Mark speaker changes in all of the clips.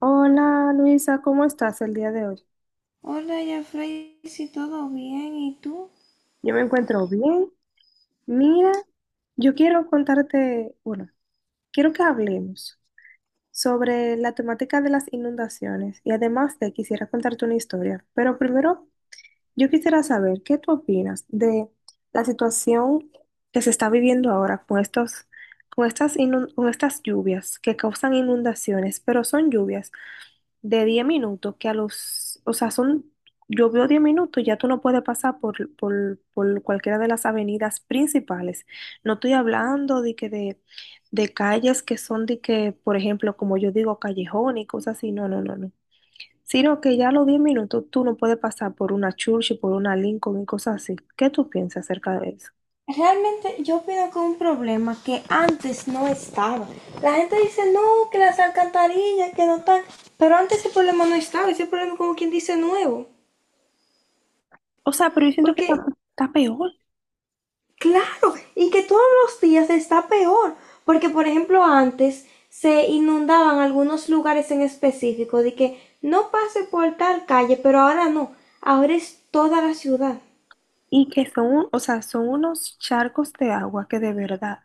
Speaker 1: Hola Luisa, ¿cómo estás el día de hoy?
Speaker 2: Hola, Jeffrey, si todo bien, ¿y tú?
Speaker 1: Yo me encuentro bien. Mira, yo quiero contarte, quiero que hablemos sobre la temática de las inundaciones y además te quisiera contarte una historia, pero primero yo quisiera saber qué tú opinas de la situación que se está viviendo ahora con estos, con estas lluvias que causan inundaciones, pero son lluvias de 10 minutos, que a los, o sea, son, yo veo 10 minutos, ya tú no puedes pasar por cualquiera de las avenidas principales. No estoy hablando de calles que son de que, por ejemplo, como yo digo, callejón y cosas así, no, no, no, no. Sino que ya a los 10 minutos tú no puedes pasar por una Churchill, por una Lincoln y cosas así. ¿Qué tú piensas acerca de eso?
Speaker 2: Realmente yo opino que es un problema que antes no estaba. La gente dice, no, que las alcantarillas, que no están. Pero antes ese problema no estaba, ese problema como quien dice nuevo.
Speaker 1: O sea, pero yo siento que
Speaker 2: Porque,
Speaker 1: está peor
Speaker 2: claro, y que todos los días está peor. Porque, por ejemplo, antes se inundaban algunos lugares en específico de que no pase por tal calle, pero ahora no. Ahora es toda la ciudad.
Speaker 1: y que son, o sea, son unos charcos de agua que de verdad.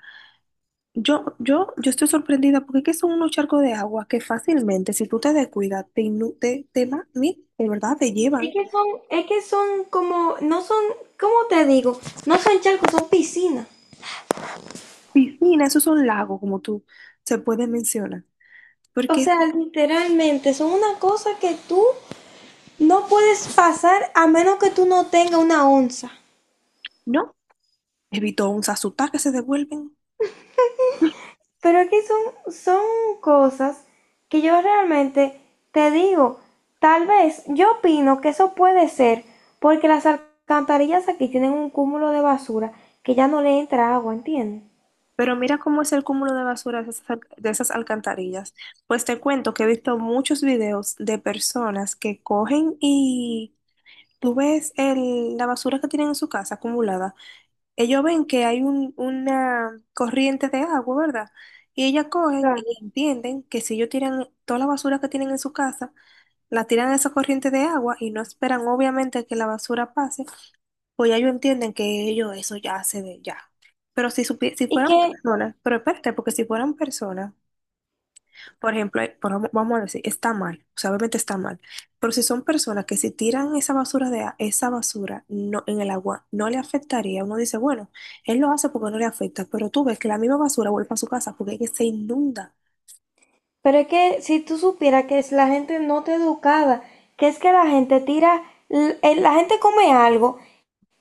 Speaker 1: Yo estoy sorprendida porque es que son unos charcos de agua que fácilmente, si tú te descuidas, te, innu- te va- ni- de verdad te
Speaker 2: Es
Speaker 1: llevan.
Speaker 2: que son, es que son como, no son, ¿cómo te digo? No son charcos, son piscinas.
Speaker 1: Piscina, esos son lagos, como tú se puede mencionar.
Speaker 2: O
Speaker 1: Porque
Speaker 2: sea, literalmente, son una cosa que tú no puedes pasar a menos que tú no tengas una onza.
Speaker 1: no, evitó un sasutá que se devuelven.
Speaker 2: Pero es que son cosas que yo realmente te digo, tal vez yo opino que eso puede ser porque las alcantarillas aquí tienen un cúmulo de basura que ya no le entra agua, ¿entiendes?
Speaker 1: Pero mira cómo es el cúmulo de basura de esas, de esas alcantarillas. Pues te cuento que he visto muchos videos de personas que cogen y tú ves la basura que tienen en su casa acumulada. Ellos ven que hay una corriente de agua, ¿verdad? Y ellas cogen
Speaker 2: Claro.
Speaker 1: y entienden que si ellos tiran toda la basura que tienen en su casa, la tiran a esa corriente de agua y no esperan obviamente que la basura pase, pues ya ellos entienden que ellos eso ya se ve ya. Pero si, si
Speaker 2: Y
Speaker 1: fueran
Speaker 2: que…
Speaker 1: personas, pero espérate, porque si fueran personas, por ejemplo, vamos a decir, está mal, o sea, obviamente está mal, pero si son personas que si tiran esa basura esa basura no, en el agua, no le afectaría, uno dice, bueno, él lo hace porque no le afecta, pero tú ves que la misma basura vuelve a su casa porque es que se inunda.
Speaker 2: Pero es que si tú supieras que es la gente no te educada, que es que la gente tira, la gente come algo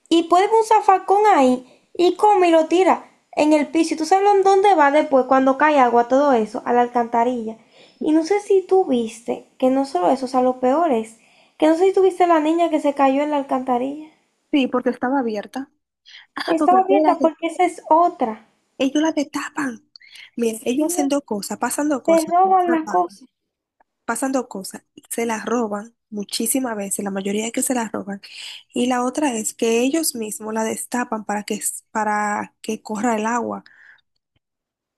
Speaker 2: y puede ver un zafacón ahí y come y lo tira en el piso. Y tú sabes en dónde va después cuando cae agua, todo eso, a la alcantarilla. Y no sé si tú viste, que no solo eso, o sea, lo peor es, que no sé si tú viste la niña que se cayó en la alcantarilla.
Speaker 1: Sí, porque estaba abierta. Ah, porque
Speaker 2: Estaba abierta,
Speaker 1: espérate,
Speaker 2: porque esa es otra.
Speaker 1: ellos la destapan. Mira, ellos hacen dos cosas, pasan dos
Speaker 2: Se
Speaker 1: cosas.
Speaker 2: roban las cosas.
Speaker 1: pasan dos cosas. Se las roban muchísimas veces, la mayoría que se las roban. Y la otra es que ellos mismos la destapan para que corra el agua,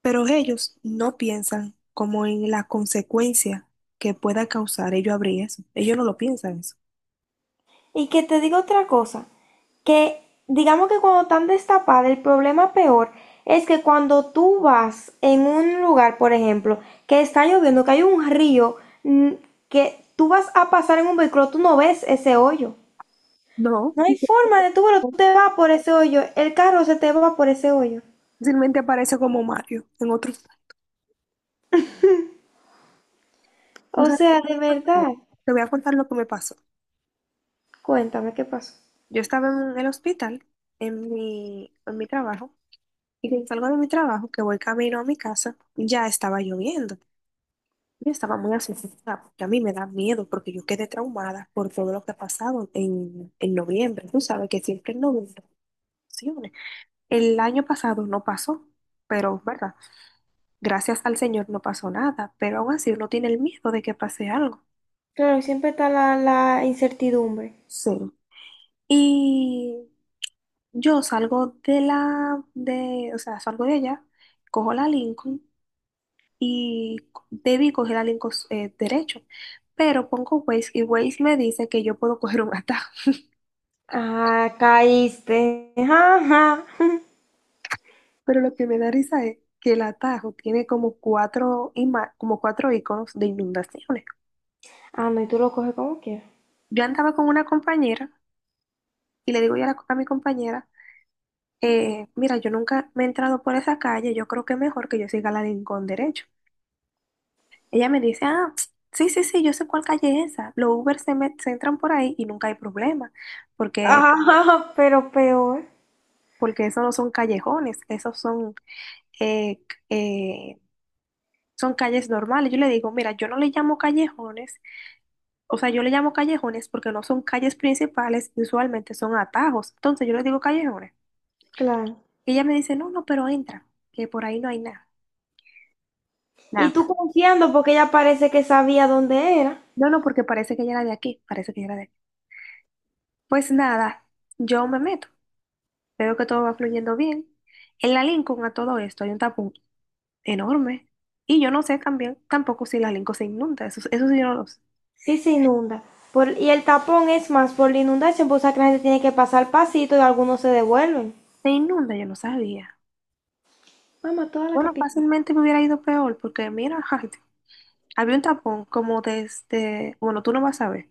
Speaker 1: pero ellos no piensan como en la consecuencia que pueda causar ellos abrir eso. Ellos no lo piensan eso.
Speaker 2: Y que te digo otra cosa, que digamos que cuando están destapadas, el problema peor es que cuando tú vas en un lugar, por ejemplo, que está lloviendo, que hay un río, mm, que tú vas a pasar en un vehículo, tú no ves ese hoyo.
Speaker 1: No.
Speaker 2: No hay
Speaker 1: Y
Speaker 2: forma de tú, pero tú te vas por ese hoyo, el carro se te va por ese hoyo.
Speaker 1: fácilmente aparece como Mario en otros. O
Speaker 2: O
Speaker 1: sea,
Speaker 2: sea, de
Speaker 1: no.
Speaker 2: verdad,
Speaker 1: Te voy a contar lo que me pasó.
Speaker 2: cuéntame qué pasó.
Speaker 1: Yo estaba en el hospital, en mi trabajo. Y que salgo de mi trabajo, que voy camino a mi casa, ya estaba lloviendo. Yo estaba muy asustada, porque a mí me da miedo, porque yo quedé traumada por todo lo que ha pasado en noviembre. Tú sabes que siempre en noviembre funciona. El año pasado no pasó, pero, ¿verdad? Gracias al Señor no pasó nada, pero aún así uno tiene el miedo de que pase algo.
Speaker 2: Claro, siempre está la incertidumbre.
Speaker 1: Sí. Y yo salgo o sea, salgo de allá, cojo la Lincoln y debí coger al derecho. Pero pongo Waze y Waze me dice que yo puedo coger un atajo.
Speaker 2: Ah, caíste. Ajá.
Speaker 1: Pero lo que me da risa es que el atajo tiene como cuatro, como cuatro iconos de inundaciones.
Speaker 2: Ah, no, y tú lo coges como quieras.
Speaker 1: Yo andaba con una compañera y le digo yo a mi compañera, mira, yo nunca me he entrado por esa calle, yo creo que es mejor que yo siga la Rincón derecho. Ella me dice, ah, ps, sí, sí, sí, yo sé cuál calle es esa. Los Uber se, me se entran por ahí y nunca hay problema, porque
Speaker 2: Ajá, pero peor,
Speaker 1: porque esos no son callejones, esos son, eh, eh, son calles normales. Yo le digo, mira, yo no le llamo callejones, o sea, yo le llamo callejones porque no son calles principales, y usualmente son atajos. Entonces yo le digo callejones.
Speaker 2: claro.
Speaker 1: Y ella me dice, no, no, pero entra, que por ahí no hay nada.
Speaker 2: Y tú
Speaker 1: Nada.
Speaker 2: confiando porque ella parece que sabía dónde era.
Speaker 1: No, no, porque parece que ella era de aquí, parece que ella era de aquí. Pues nada, yo me meto, veo que todo va fluyendo bien. En la Lincoln a todo esto hay un tapón enorme. Y yo no sé también, tampoco si la Lincoln se inunda, eso sí yo no lo sé.
Speaker 2: Sí se inunda. Por- y el tapón es más por la inundación, pues o sea que la gente tiene que pasar pasito y algunos se devuelven.
Speaker 1: Se inunda, yo no sabía.
Speaker 2: Mamá, toda la
Speaker 1: Bueno,
Speaker 2: capital.
Speaker 1: fácilmente me hubiera ido peor porque mira, ay, había un tapón como desde, bueno, tú no vas a ver,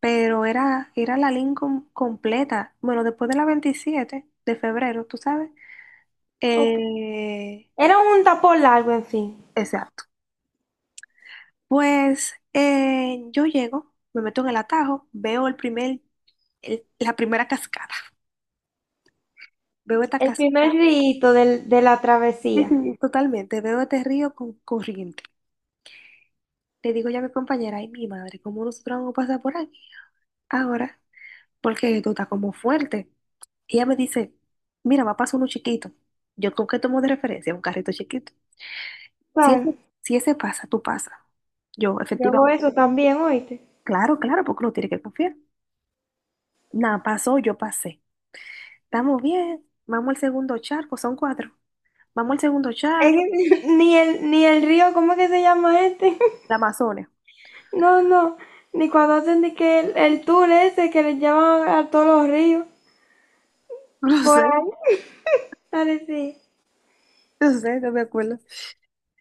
Speaker 1: pero era, era la Lincoln completa. Bueno, después de la 27 de febrero, tú sabes.
Speaker 2: Ok.
Speaker 1: Eh,
Speaker 2: Era un tapón largo, en fin.
Speaker 1: exacto. Pues yo llego, me meto en el atajo, veo la primera cascada. Veo esta
Speaker 2: El primer
Speaker 1: cascada.
Speaker 2: rito del, de la
Speaker 1: Sí,
Speaker 2: travesía.
Speaker 1: sí, totalmente. Veo este río con corriente. Le digo ya a mi compañera, ay, mi madre, ¿cómo nosotros vamos a pasar por ahí? Ahora, porque tú estás como fuerte. Y ella me dice, mira, va a pasar uno chiquito. Yo con qué tomo de referencia un carrito chiquito. Si
Speaker 2: Claro,
Speaker 1: ese, si ese pasa, tú pasas. Yo,
Speaker 2: yo hago
Speaker 1: efectivamente.
Speaker 2: eso también, oíste.
Speaker 1: Claro, claro, porque uno tiene que confiar. Nada, pasó, yo pasé. Estamos bien. Vamos al segundo charco, son cuatro. Vamos al segundo
Speaker 2: Es
Speaker 1: charco,
Speaker 2: que ni el río, ¿cómo es que se llama este?
Speaker 1: la Amazonia.
Speaker 2: No, no, ni cuando hacen de que el tour ese que les llevan a todos los ríos,
Speaker 1: No
Speaker 2: por
Speaker 1: sé,
Speaker 2: ahí. Dale, sí.
Speaker 1: no me acuerdo.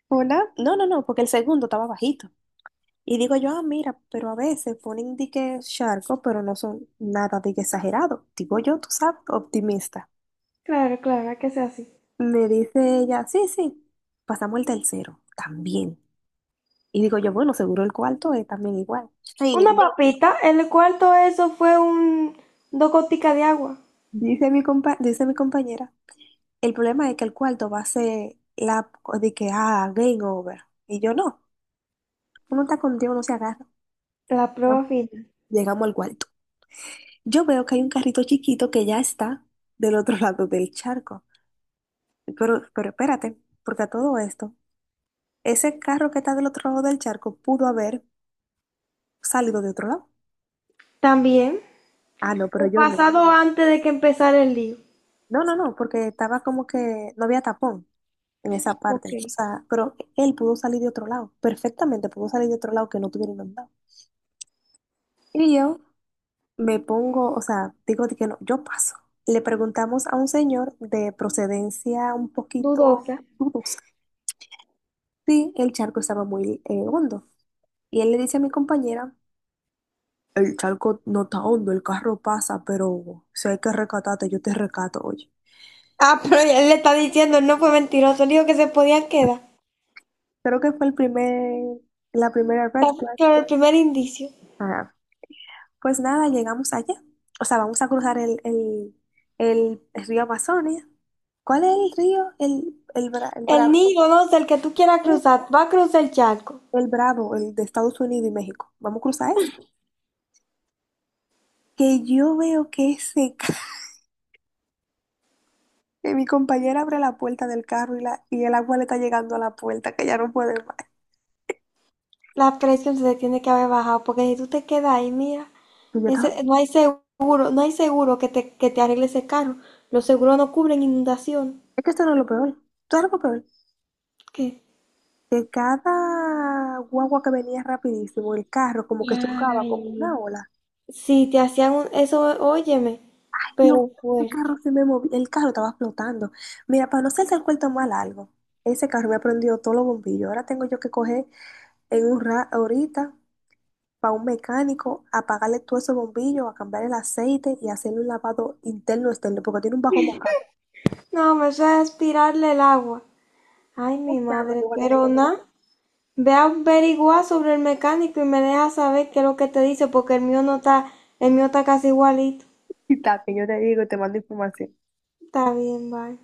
Speaker 1: Hola. No, no, no, porque el segundo estaba bajito. Y digo yo, ah, mira, pero a veces ponen de que charco, pero no son nada de que exagerado. Digo yo, tú sabes, optimista.
Speaker 2: Claro, claro, hay que sea así.
Speaker 1: Me dice ella, sí, sí, pasamos el tercero, también. Y digo yo, bueno, seguro el cuarto es también igual. Ay,
Speaker 2: Una
Speaker 1: no.
Speaker 2: papita, el cuarto eso fue un dos goticas de agua.
Speaker 1: Dice mi compañera, el problema es que el cuarto va a ser la de que, ah, game over. Y yo, no, uno está contigo, no se agarra.
Speaker 2: La prueba
Speaker 1: Vamos.
Speaker 2: final.
Speaker 1: Llegamos al cuarto. Yo veo que hay un carrito chiquito que ya está del otro lado del charco. Pero espérate, porque a todo esto, ese carro que está del otro lado del charco pudo haber salido de otro lado.
Speaker 2: También,
Speaker 1: Ah, no, pero
Speaker 2: un
Speaker 1: yo no.
Speaker 2: pasado antes de que empezara el lío.
Speaker 1: No, no, no, porque estaba como que no había tapón en esa parte.
Speaker 2: Ok,
Speaker 1: O sea, pero él pudo salir de otro lado, perfectamente pudo salir de otro lado que no tuviera inundado. Y yo me pongo, o sea, digo de que no, yo paso. Le preguntamos a un señor de procedencia un poquito
Speaker 2: dudosa.
Speaker 1: dudosa si el charco estaba muy hondo. Y él le dice a mi compañera: el charco no está hondo, el carro pasa, pero si hay que rescatarte, yo te rescato, oye.
Speaker 2: Ah, pero él le está diciendo, él no fue mentiroso, él dijo que se podían quedar.
Speaker 1: Creo que fue la primera red
Speaker 2: Está
Speaker 1: flag.
Speaker 2: claro, el primer indicio.
Speaker 1: Ajá. Pues nada, llegamos allá. O sea, vamos a cruzar el río Amazonas. ¿Cuál es el río? El
Speaker 2: El
Speaker 1: Bravo.
Speaker 2: niño, no sé, el que tú quieras cruzar, va a cruzar el charco.
Speaker 1: El Bravo, el de Estados Unidos y México. Vamos a cruzar ese. Que yo veo que ese ca- que mi compañera abre la puerta del carro y, y el agua le está llegando a la puerta, que ya no puede más.
Speaker 2: La presión se te tiene que haber bajado, porque si tú te quedas ahí, mira,
Speaker 1: Y yo estaba.
Speaker 2: ese, no hay seguro, no hay seguro que te arregle ese carro. Los seguros no cubren inundación.
Speaker 1: Es que esto no es lo peor. Todo lo peor.
Speaker 2: ¿Qué?
Speaker 1: Que cada guagua que venía rapidísimo, el carro como que chocaba como
Speaker 2: Ay,
Speaker 1: una ola.
Speaker 2: si te hacían un- eso, óyeme,
Speaker 1: Yo,
Speaker 2: pero
Speaker 1: el carro
Speaker 2: fuerte.
Speaker 1: se me movía, el carro estaba flotando. Mira, para no ser el cuento más largo, ese carro me ha prendido todos los bombillos. Ahora tengo yo que coger en un ra ahorita para un mecánico, apagarle todos esos bombillos, a cambiar el aceite y hacerle un lavado interno externo, porque tiene un bajo mojado.
Speaker 2: No, me suena aspirarle el agua. Ay,
Speaker 1: O
Speaker 2: mi
Speaker 1: sea, me
Speaker 2: madre,
Speaker 1: lo voy a tener que
Speaker 2: pero nada. Ve a averiguar sobre el mecánico y me deja saber qué es lo que te dice, porque el mío no está, el mío está casi igualito.
Speaker 1: quitar, que yo te digo y te mando información.
Speaker 2: Está bien, bye.